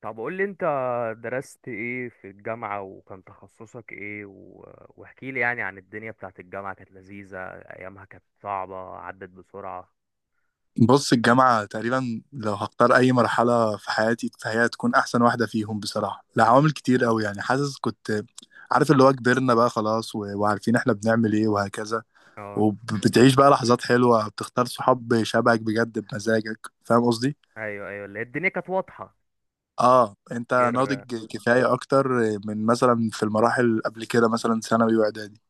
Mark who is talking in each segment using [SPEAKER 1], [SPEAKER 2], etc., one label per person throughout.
[SPEAKER 1] طب قول لي انت درست ايه في الجامعة وكان تخصصك ايه واحكي لي يعني عن الدنيا بتاعت الجامعة، كانت لذيذة؟ ايامها كانت صعبة؟ عدت بسرعة؟
[SPEAKER 2] بص، الجامعة تقريبا لو هختار أي مرحلة في حياتي فهي تكون أحسن واحدة فيهم بصراحة، لعوامل كتير أوي. يعني حاسس كنت عارف اللي هو كبرنا بقى خلاص وعارفين إحنا بنعمل إيه وهكذا،
[SPEAKER 1] اه،
[SPEAKER 2] وبتعيش بقى لحظات حلوة، بتختار صحاب شبهك بجد بمزاجك. فاهم قصدي؟
[SPEAKER 1] ايوه ايوه، اللي هي الدنيا كانت واضحة.
[SPEAKER 2] آه أنت
[SPEAKER 1] غير.
[SPEAKER 2] ناضج كفاية أكتر من مثلا في المراحل قبل كده، مثلا ثانوي وإعدادي.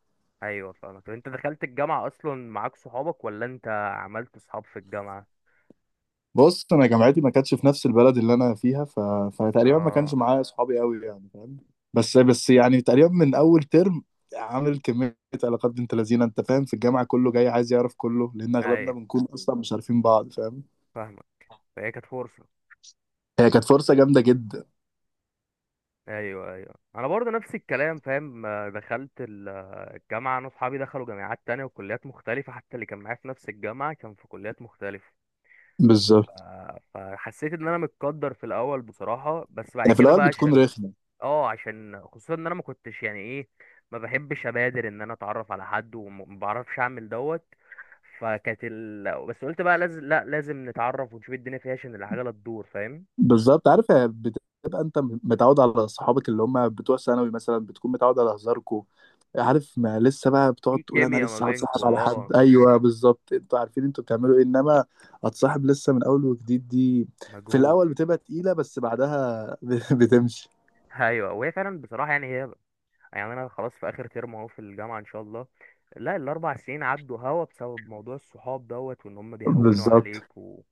[SPEAKER 1] ايوه، فاهمك. طب انت دخلت الجامعة اصلا معاك صحابك، ولا انت عملت صحاب في الجامعة؟
[SPEAKER 2] بص انا جامعتي ما كانتش في نفس البلد اللي انا فيها فتقريبا ما كانش
[SPEAKER 1] اه،
[SPEAKER 2] معايا اصحابي قوي، يعني فاهم. بس يعني تقريبا من اول ترم عامل كميه علاقات بنت لذينه، انت فاهم، في الجامعه كله جاي عايز يعرف كله، لان اغلبنا
[SPEAKER 1] ايوه،
[SPEAKER 2] بنكون اصلا مش عارفين بعض، فاهم.
[SPEAKER 1] فاهمك. فهي كانت فرصة.
[SPEAKER 2] هي كانت فرصه جامده جدا.
[SPEAKER 1] ايوه ايوه، انا برضه نفس الكلام، فاهم؟ دخلت الجامعه، انا اصحابي دخلوا جامعات تانية وكليات مختلفه، حتى اللي كان معايا في نفس الجامعه كان في كليات مختلفه.
[SPEAKER 2] بالظبط،
[SPEAKER 1] فحسيت ان انا متقدر في الاول بصراحه، بس بعد
[SPEAKER 2] يعني في
[SPEAKER 1] كده
[SPEAKER 2] الاول
[SPEAKER 1] بقى
[SPEAKER 2] بتكون
[SPEAKER 1] عشان...
[SPEAKER 2] رخمه.
[SPEAKER 1] اه عشان خصوصا ان انا ما كنتش، يعني ايه، ما بحبش ابادر ان انا اتعرف على حد، وما بعرفش اعمل دوت. بس قلت بقى لازم، لا لازم نتعرف ونشوف الدنيا فيها عشان العجله تدور، فاهم؟
[SPEAKER 2] بالظبط، عارف هي بتبقى انت متعود على صحابك اللي هم بتوع ثانوي مثلا، بتكون متعود على هزاركوا، عارف. ما لسه بقى بتقعد
[SPEAKER 1] في
[SPEAKER 2] تقول انا
[SPEAKER 1] كيمياء ما
[SPEAKER 2] لسه هتصاحب
[SPEAKER 1] بينكوا.
[SPEAKER 2] على
[SPEAKER 1] اه،
[SPEAKER 2] حد، ايوه بالظبط، انتوا عارفين انتوا بتعملوا ايه. انما هتصاحب لسه من اول وجديد دي، في
[SPEAKER 1] مجهود.
[SPEAKER 2] الاول بتبقى تقيله بس بعدها بتمشي.
[SPEAKER 1] ايوه، وهي فعلا بصراحه، يعني هي، يعني انا خلاص في اخر ترم اهو في الجامعه ان شاء الله. لا، الاربع سنين عدوا هوا بسبب موضوع الصحاب دوت، وان هم بيهونوا
[SPEAKER 2] بالظبط.
[SPEAKER 1] عليك و...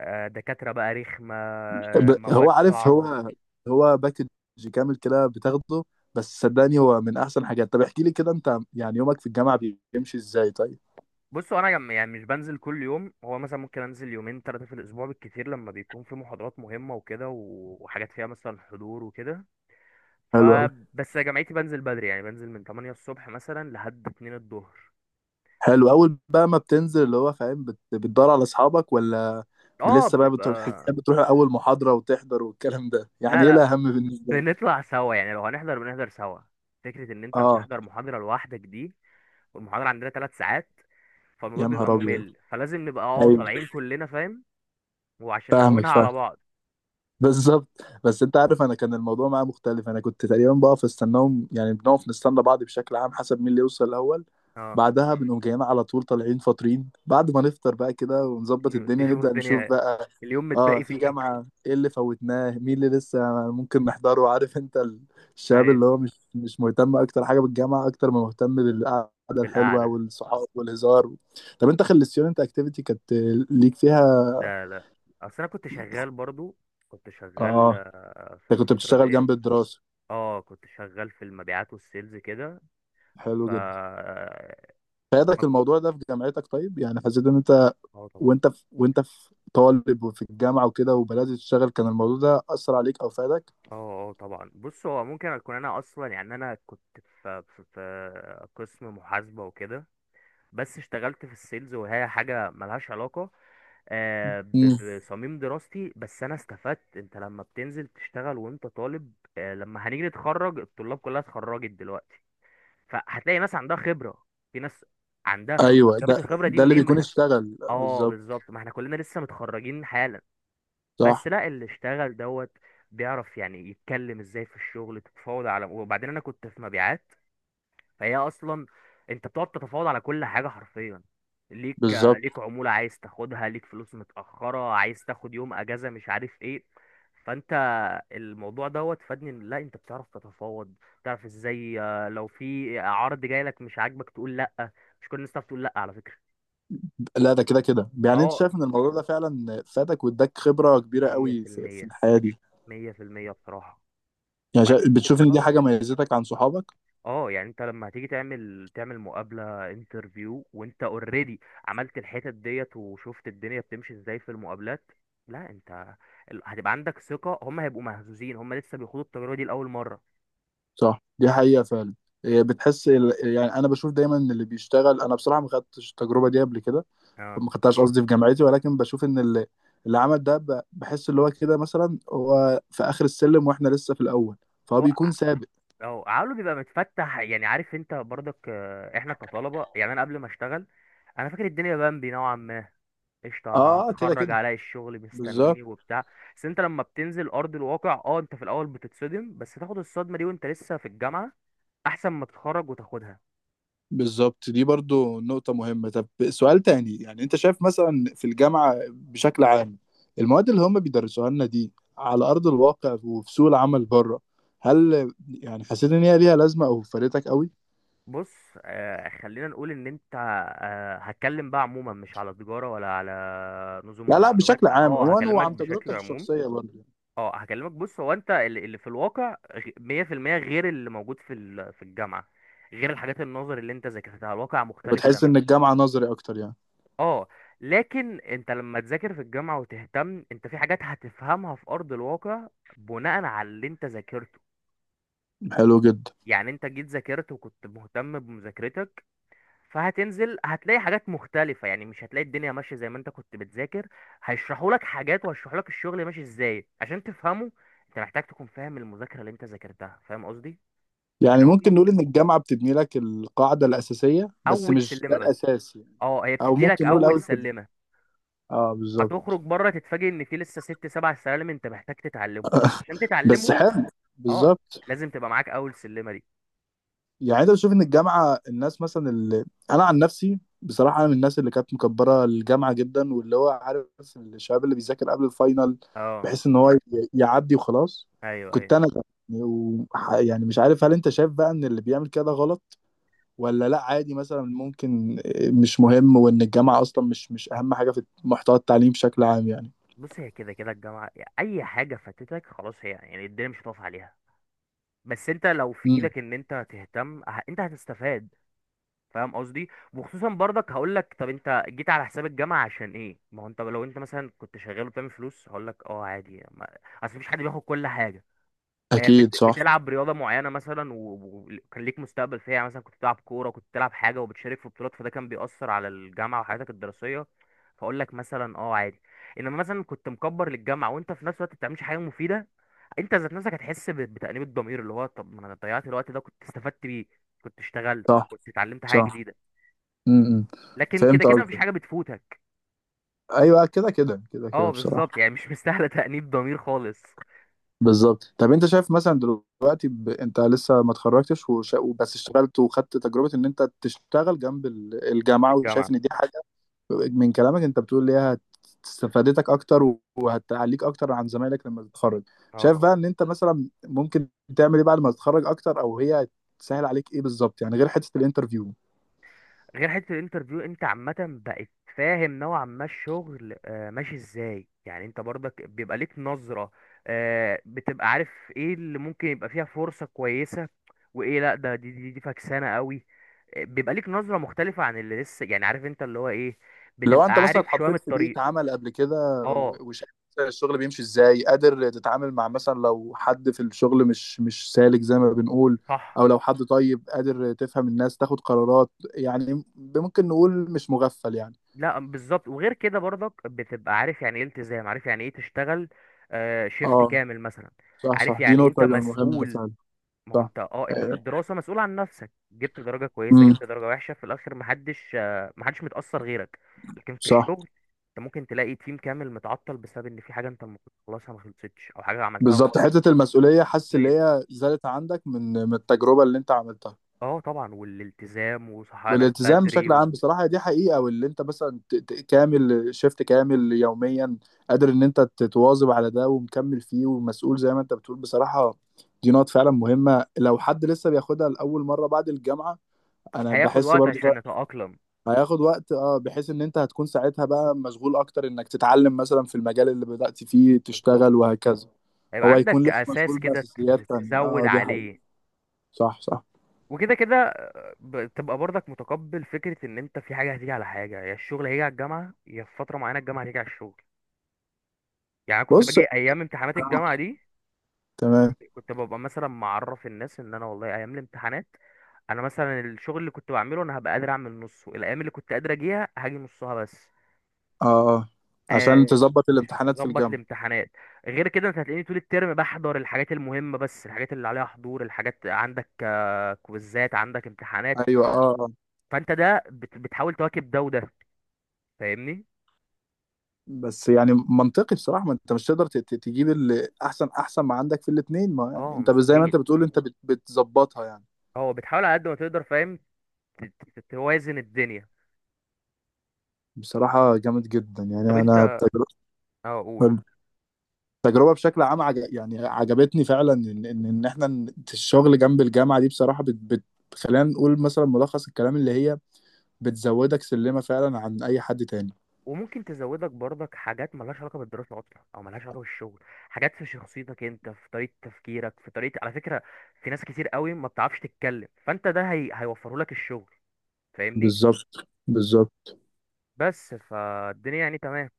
[SPEAKER 1] دكاتره بقى رخمه،
[SPEAKER 2] ب- هو
[SPEAKER 1] مواد
[SPEAKER 2] عارف
[SPEAKER 1] صعبه.
[SPEAKER 2] هو هو باكج كامل كده بتاخده، بس صدقني هو من احسن حاجات. طب احكي لي كده انت يعني يومك في الجامعه بيمشي ازاي طيب؟
[SPEAKER 1] بصوا، يعني مش بنزل كل يوم، هو مثلا ممكن انزل يومين ثلاثه في الاسبوع بالكتير، لما بيكون في محاضرات مهمه وكده وحاجات فيها مثلا حضور وكده.
[SPEAKER 2] حلو أوي.
[SPEAKER 1] فبس يا جامعتي بنزل بدري، يعني بنزل من 8 الصبح مثلا لحد 2 الظهر.
[SPEAKER 2] حلو، اول بقى ما بتنزل اللي هو فاهم بتدور على اصحابك، ولا
[SPEAKER 1] اه،
[SPEAKER 2] لسه بقى
[SPEAKER 1] بنبقى...
[SPEAKER 2] بتروح اول محاضرة وتحضر والكلام ده؟
[SPEAKER 1] لا
[SPEAKER 2] يعني ايه
[SPEAKER 1] لا،
[SPEAKER 2] الاهم بالنسبة لك؟
[SPEAKER 1] بنطلع سوا، يعني لو هنحضر بنحضر سوا. فكرة ان انت
[SPEAKER 2] اه.
[SPEAKER 1] هتحضر محاضرة لوحدك دي! والمحاضرة عندنا ثلاث ساعات، فالموضوع
[SPEAKER 2] يا
[SPEAKER 1] بيبقى
[SPEAKER 2] نهار ابيض.
[SPEAKER 1] ممل، فلازم نبقى
[SPEAKER 2] ايوه
[SPEAKER 1] طالعين كلنا، فاهم؟ وعشان
[SPEAKER 2] فاهمك
[SPEAKER 1] نهونها
[SPEAKER 2] فاهم
[SPEAKER 1] على بعض.
[SPEAKER 2] بالظبط. بس انت عارف انا كان الموضوع معايا مختلف، انا كنت تقريبا بقف استناهم، يعني بنقف نستنى بعض بشكل عام حسب مين اللي يوصل الاول.
[SPEAKER 1] اه،
[SPEAKER 2] بعدها بنقوم جايين على طول، طالعين فاطرين، بعد ما نفطر بقى كده ونظبط الدنيا
[SPEAKER 1] تشوفوا
[SPEAKER 2] نبدأ نشوف
[SPEAKER 1] الدنيا،
[SPEAKER 2] بقى.
[SPEAKER 1] اليوم
[SPEAKER 2] اه،
[SPEAKER 1] متبقي
[SPEAKER 2] في
[SPEAKER 1] فيه ايه.
[SPEAKER 2] جامعة ايه اللي فوتناه، مين اللي لسه ممكن نحضره. عارف انت الشباب
[SPEAKER 1] ايوه،
[SPEAKER 2] اللي هو مش مهتم اكتر حاجة بالجامعة اكتر ما مهتم بالقعدة الحلوة
[SPEAKER 1] بالقعدة.
[SPEAKER 2] والصحاب والهزار. طب انت خلصتيون، انت اكتيفيتي كانت ليك فيها؟
[SPEAKER 1] لا لا، اصل انا كنت شغال برضو. كنت شغال
[SPEAKER 2] اه
[SPEAKER 1] في
[SPEAKER 2] انت كنت
[SPEAKER 1] الفترة
[SPEAKER 2] بتشتغل جنب
[SPEAKER 1] ديت.
[SPEAKER 2] الدراسة.
[SPEAKER 1] اه، كنت شغال في المبيعات والسيلز كده.
[SPEAKER 2] حلو
[SPEAKER 1] ف
[SPEAKER 2] جدا.
[SPEAKER 1] آه، ما
[SPEAKER 2] فادك
[SPEAKER 1] كنت
[SPEAKER 2] الموضوع ده في جامعتك طيب؟ يعني حسيت ان انت
[SPEAKER 1] اه، طبعا.
[SPEAKER 2] وانت في طالب وفي الجامعة وكده وبدأت تشتغل، كان الموضوع ده أثر عليك أو فادك؟
[SPEAKER 1] اه، اه، طبعا. بص، هو ممكن اكون انا اصلا، يعني انا كنت في قسم محاسبه وكده، بس اشتغلت في السيلز وهي حاجه ملهاش علاقه
[SPEAKER 2] مم.
[SPEAKER 1] بصميم دراستي. بس انا استفدت، انت لما بتنزل تشتغل وانت طالب، لما هنيجي نتخرج الطلاب كلها اتخرجت دلوقتي، فهتلاقي ناس عندها خبره، في ناس عندها خبره. طب
[SPEAKER 2] أيوه،
[SPEAKER 1] جابت
[SPEAKER 2] ده
[SPEAKER 1] الخبره دي
[SPEAKER 2] ده اللي
[SPEAKER 1] منين؟ ما
[SPEAKER 2] بيكون
[SPEAKER 1] احنا.
[SPEAKER 2] اشتغل
[SPEAKER 1] اه،
[SPEAKER 2] بالظبط.
[SPEAKER 1] بالظبط، ما احنا كلنا لسه متخرجين حالا، بس
[SPEAKER 2] صح.
[SPEAKER 1] لا، اللي اشتغل دوت بيعرف، يعني يتكلم ازاي في الشغل، تتفاوض على... وبعدين انا كنت في مبيعات، فهي اصلا انت بتقعد تتفاوض على كل حاجه حرفيا، ليك
[SPEAKER 2] بالظبط.
[SPEAKER 1] ليك عموله عايز تاخدها، ليك فلوس متاخره عايز تاخد، يوم اجازه، مش عارف ايه. فانت الموضوع دوت فادني، إن لا، انت بتعرف تتفاوض، بتعرف ازاي لو في عرض جاي لك مش عاجبك تقول لا. مش كل الناس تعرف تقول لا على فكره.
[SPEAKER 2] لا ده كده كده، يعني انت
[SPEAKER 1] اه،
[SPEAKER 2] شايف ان الموضوع ده فعلا فادك واداك خبره كبيره قوي في, في
[SPEAKER 1] 100%،
[SPEAKER 2] الحياه دي.
[SPEAKER 1] 100% بصراحه.
[SPEAKER 2] يعني
[SPEAKER 1] وبعدين
[SPEAKER 2] بتشوف ان دي حاجه
[SPEAKER 1] بتجرب.
[SPEAKER 2] ميزتك عن صحابك؟
[SPEAKER 1] اه، يعني انت لما هتيجي تعمل مقابلة انترفيو، وانت اوريدي عملت الحتت ديت وشفت الدنيا بتمشي ازاي في المقابلات، لا، انت هتبقى عندك ثقة، هم هيبقوا مهزوزين، هم لسه بيخوضوا التجربة دي لأول مرة.
[SPEAKER 2] صح دي حقيقه فعلا. إيه، يعني انا بشوف دايما ان اللي بيشتغل، انا بصراحه ما خدتش التجربه دي قبل كده،
[SPEAKER 1] اه،
[SPEAKER 2] ما خدتهاش قصدي في جامعتي، ولكن بشوف ان اللي, اللي عمل ده بحس اللي هو كده مثلا هو في اخر السلم واحنا لسه في الاول، فهو
[SPEAKER 1] هو
[SPEAKER 2] بيكون سابق.
[SPEAKER 1] اه عقله بيبقى متفتح، يعني عارف انت برضك، احنا كطلبة، يعني انا قبل ما اشتغل انا فاكر الدنيا بامبي نوعا ما، قشطة،
[SPEAKER 2] اه كده
[SPEAKER 1] هتخرج
[SPEAKER 2] كده.
[SPEAKER 1] عليا الشغل
[SPEAKER 2] بالظبط.
[SPEAKER 1] مستنيني وبتاع. بس انت لما بتنزل ارض الواقع، اه انت في الاول بتتصدم، بس تاخد الصدمة دي وانت لسه في الجامعة احسن ما تتخرج وتاخدها.
[SPEAKER 2] بالظبط دي برضو نقطة مهمة. طب سؤال تاني، يعني انت شايف مثلا في الجامعة بشكل عام المواد اللي هم بيدرسوها لنا دي على أرض الواقع وفي سوق العمل بره، هل يعني حسيت ان هي ليها لازمة او فادتك قوي؟
[SPEAKER 1] بص، خلينا نقول ان انت... هتكلم بقى عموما، مش على تجارة ولا على نظم
[SPEAKER 2] لا لا
[SPEAKER 1] ومعلومات،
[SPEAKER 2] بشكل عام
[SPEAKER 1] اه
[SPEAKER 2] عموما،
[SPEAKER 1] هكلمك
[SPEAKER 2] وعن
[SPEAKER 1] بشكل
[SPEAKER 2] تجربتك
[SPEAKER 1] عموم.
[SPEAKER 2] الشخصية برضو.
[SPEAKER 1] اه، هكلمك. بص، هو انت اللي في الواقع 100% غير اللي موجود في في الجامعة، غير الحاجات النظر اللي انت ذاكرتها، الواقع مختلف
[SPEAKER 2] بتحس
[SPEAKER 1] تماما.
[SPEAKER 2] ان الجامعة نظري اكتر يعني؟
[SPEAKER 1] اه. لكن انت لما تذاكر في الجامعة وتهتم انت، في حاجات هتفهمها في ارض الواقع بناء على اللي انت ذاكرته.
[SPEAKER 2] حلو جدا.
[SPEAKER 1] يعني انت جيت ذاكرت وكنت مهتم بمذاكرتك، فهتنزل هتلاقي حاجات مختلفة، يعني مش هتلاقي الدنيا ماشية زي ما انت كنت بتذاكر، هيشرحوا لك حاجات وهيشرحوا لك الشغل ماشي ازاي عشان تفهمه، انت محتاج تكون فاهم المذاكرة اللي انت ذاكرتها، فاهم قصدي؟
[SPEAKER 2] يعني
[SPEAKER 1] يعني
[SPEAKER 2] ممكن
[SPEAKER 1] هم
[SPEAKER 2] نقول ان الجامعة بتبني لك القاعدة الأساسية بس
[SPEAKER 1] اول
[SPEAKER 2] مش ده
[SPEAKER 1] سلمة بس.
[SPEAKER 2] الأساس يعني،
[SPEAKER 1] اه، هي
[SPEAKER 2] او
[SPEAKER 1] بتدي لك
[SPEAKER 2] ممكن نقول
[SPEAKER 1] اول
[SPEAKER 2] اول كده.
[SPEAKER 1] سلمة.
[SPEAKER 2] اه بالظبط.
[SPEAKER 1] هتخرج بره تتفاجئ ان في لسه ست سبع سلالم انت محتاج تتعلمهم، بس عشان
[SPEAKER 2] بس
[SPEAKER 1] تتعلمهم
[SPEAKER 2] حلو.
[SPEAKER 1] اه
[SPEAKER 2] بالظبط.
[SPEAKER 1] لازم تبقى معاك اول سلمة دي.
[SPEAKER 2] يعني انت بتشوف ان الجامعه الناس مثلا اللي، انا عن نفسي بصراحه انا من الناس اللي كانت مكبره الجامعه جدا، واللي هو عارف الشباب اللي بيذاكر قبل الفاينل،
[SPEAKER 1] اه،
[SPEAKER 2] بحيث ان هو يعدي وخلاص.
[SPEAKER 1] ايوه ايوه.
[SPEAKER 2] كنت انا ده. و- يعني مش عارف، هل انت شايف بقى ان اللي بيعمل كده غلط، ولا لا عادي مثلا ممكن مش مهم، وان الجامعه اصلا مش اهم حاجه في محتوى التعليم بشكل عام يعني؟
[SPEAKER 1] بص، هي كده كده الجامعة، اي حاجة فاتتك خلاص، هي يعني الدنيا مش هتقف عليها، بس انت لو في
[SPEAKER 2] امم
[SPEAKER 1] ايدك ان انت تهتم انت هتستفاد، فاهم قصدي؟ وخصوصا برضك هقول لك، طب انت جيت على حساب الجامعه عشان ايه؟ ما هو انت لو انت مثلا كنت شغال وبتعمل فلوس هقول لك اه عادي، ما... اصل مفيش حد بياخد كل حاجه.
[SPEAKER 2] اكيد. صح.
[SPEAKER 1] بتلعب رياضه معينه مثلا وكان ليك مستقبل فيها، يعني مثلا كنت بتلعب كوره، كنت بتلعب حاجه وبتشارك في بطولات، فده كان بيأثر على الجامعه وحياتك الدراسيه، فاقول لك مثلا اه عادي. انما مثلا كنت مكبر للجامعه وانت في نفس الوقت ما بتعملش حاجه مفيده، انت ذات نفسك هتحس بتأنيب الضمير، اللي هو طب ما انا ضيعت الوقت ده كنت استفدت بيه، كنت اشتغلت،
[SPEAKER 2] صح.
[SPEAKER 1] كنت اتعلمت حاجة
[SPEAKER 2] صح.
[SPEAKER 1] جديدة.
[SPEAKER 2] امم
[SPEAKER 1] لكن كده
[SPEAKER 2] فهمت
[SPEAKER 1] كده مفيش
[SPEAKER 2] قصدك.
[SPEAKER 1] حاجة بتفوتك.
[SPEAKER 2] ايوه كده كده كده كده
[SPEAKER 1] اه، بالظبط،
[SPEAKER 2] بصراحه.
[SPEAKER 1] يعني مش مستاهلة تأنيب ضمير خالص.
[SPEAKER 2] بالظبط. طب انت شايف مثلا دلوقتي انت لسه ما اتخرجتش بس اشتغلت وخدت تجربة ان انت تشتغل جنب
[SPEAKER 1] في
[SPEAKER 2] الجامعة،
[SPEAKER 1] الجامعة.
[SPEAKER 2] وشايف ان دي حاجة من كلامك انت بتقول ليها استفادتك اكتر وهتعليك اكتر عن زمايلك لما تتخرج،
[SPEAKER 1] اه،
[SPEAKER 2] شايف
[SPEAKER 1] طبعا.
[SPEAKER 2] بقى ان انت مثلا ممكن تعمل ايه بعد ما تتخرج اكتر، او هي تسهل عليك ايه بالظبط يعني، غير حتة الانترفيو؟
[SPEAKER 1] غير حته الانترفيو، انت عامه بقت فاهم نوعا ما الشغل ماشي ازاي، يعني انت برضك بيبقى ليك نظره، بتبقى عارف ايه اللي ممكن يبقى فيها فرصه كويسه وايه لا، ده دي فكسانه قوي. بيبقى ليك نظره مختلفه عن اللي لسه، يعني عارف انت اللي هو ايه،
[SPEAKER 2] لو انت
[SPEAKER 1] بتبقى
[SPEAKER 2] مثلا
[SPEAKER 1] عارف شويه من
[SPEAKER 2] اتحطيت في
[SPEAKER 1] الطريق.
[SPEAKER 2] بيئة عمل قبل كده
[SPEAKER 1] اه،
[SPEAKER 2] وشايف مثلاً الشغل بيمشي ازاي، قادر تتعامل مع مثلا لو حد في الشغل مش سالك زي ما بنقول،
[SPEAKER 1] صح.
[SPEAKER 2] او لو حد طيب قادر تفهم الناس تاخد قرارات، يعني ممكن نقول مش مغفل يعني.
[SPEAKER 1] لا، بالظبط. وغير كده برضك بتبقى عارف يعني ايه التزام، عارف يعني ايه تشتغل شيفت
[SPEAKER 2] اه
[SPEAKER 1] كامل مثلا.
[SPEAKER 2] صح صح،
[SPEAKER 1] عارف
[SPEAKER 2] دي
[SPEAKER 1] يعني إيه انت
[SPEAKER 2] نقطة جدا مهمة
[SPEAKER 1] مسؤول،
[SPEAKER 2] فعلا.
[SPEAKER 1] ما هو
[SPEAKER 2] صح.
[SPEAKER 1] انت انت في الدراسة مسؤول عن نفسك، جبت درجة كويسة
[SPEAKER 2] امم
[SPEAKER 1] جبت درجة وحشة في الآخر محدش، محدش متأثر غيرك. لكن في
[SPEAKER 2] صح.
[SPEAKER 1] الشغل انت ممكن تلاقي تيم كامل متعطل بسبب ان في حاجة انت المفروض تخلصها ما خلصتش، او حاجة عملتها
[SPEAKER 2] بالظبط.
[SPEAKER 1] غلط.
[SPEAKER 2] حتة المسؤولية حاسس اللي
[SPEAKER 1] ليه؟
[SPEAKER 2] هي زادت عندك من من التجربة اللي انت عملتها،
[SPEAKER 1] اه، طبعا، والالتزام وصحيانك
[SPEAKER 2] والالتزام
[SPEAKER 1] بدري
[SPEAKER 2] بشكل عام بصراحة دي حقيقة. واللي انت مثلا كامل، شيفت كامل يوميا، قادر ان انت تتواظب على ده ومكمل فيه ومسؤول زي ما انت بتقول بصراحة. دي نقط فعلا مهمة لو حد لسه بياخدها لأول مرة بعد الجامعة. انا
[SPEAKER 1] هياخد
[SPEAKER 2] بحس
[SPEAKER 1] وقت
[SPEAKER 2] برضه
[SPEAKER 1] عشان نتأقلم.
[SPEAKER 2] هياخد وقت، اه بحيث ان انت هتكون ساعتها بقى مشغول اكتر انك تتعلم مثلا في المجال اللي بدأت فيه
[SPEAKER 1] بالظبط،
[SPEAKER 2] تشتغل وهكذا،
[SPEAKER 1] هيبقى
[SPEAKER 2] هو هيكون
[SPEAKER 1] عندك
[SPEAKER 2] لسه مشغول
[SPEAKER 1] أساس كده
[SPEAKER 2] بأساسيات تانية.
[SPEAKER 1] تزود
[SPEAKER 2] اه دي حقيقة.
[SPEAKER 1] عليه.
[SPEAKER 2] صح صح.
[SPEAKER 1] وكده كده تبقى برضك متقبل فكرة ان انت في حاجة هتيجي على حاجة، يا الشغل هيجي على الجامعة، يا في فترة معينة الجامعة هتيجي على الشغل. يعني أنا كنت
[SPEAKER 2] بص،
[SPEAKER 1] باجي ايام امتحانات الجامعه
[SPEAKER 2] آه،
[SPEAKER 1] دي،
[SPEAKER 2] تمام.
[SPEAKER 1] كنت ببقى مثلا معرف الناس ان انا والله ايام الامتحانات انا مثلا الشغل اللي كنت بعمله انا هبقى قادر اعمل نصه، الايام اللي كنت قادر اجيها هاجي نصها بس.
[SPEAKER 2] اه عشان
[SPEAKER 1] آه،
[SPEAKER 2] تظبط
[SPEAKER 1] عشان
[SPEAKER 2] الامتحانات في
[SPEAKER 1] تظبط
[SPEAKER 2] الجامعة.
[SPEAKER 1] الامتحانات. غير كده انت هتلاقيني طول الترم بحضر الحاجات المهمه بس، الحاجات اللي عليها حضور، الحاجات عندك كويزات، عندك امتحانات.
[SPEAKER 2] ايوه اه آه.
[SPEAKER 1] فانت ده بتحاول تواكب ده وده، فاهمني؟
[SPEAKER 2] بس يعني منطقي بصراحة، ما انت مش تقدر تجيب اللي احسن احسن ما عندك في الاتنين، ما يعني
[SPEAKER 1] اه،
[SPEAKER 2] انت زي ما انت
[SPEAKER 1] مستحيل.
[SPEAKER 2] بتقول انت بتظبطها يعني.
[SPEAKER 1] اه، بتحاول على قد ما تقدر، فاهم؟ ت- توازن الدنيا.
[SPEAKER 2] بصراحة جامد جدا يعني.
[SPEAKER 1] طب انت
[SPEAKER 2] انا بتجربة،
[SPEAKER 1] اه، قول.
[SPEAKER 2] التجربة بشكل عام يعني عجبتني فعلا، ان ان إن احنا الشغل جنب الجامعة دي بصراحة خلينا نقول مثلا ملخص الكلام اللي هي بتزودك سلمة فعلا عن اي حد تاني.
[SPEAKER 1] وممكن تزودك برضك حاجات ملهاش علاقة بالدراسة أصلا أو ملهاش علاقة بالشغل، حاجات في شخصيتك أنت، في طريقة تفكيرك، في طريقة. على فكرة، في ناس كتير قوي ما بتعرفش تتكلم، فأنت ده هيوفره لك الشغل، فاهمني؟
[SPEAKER 2] بالظبط بالظبط.
[SPEAKER 1] بس فالدنيا يعني تمام.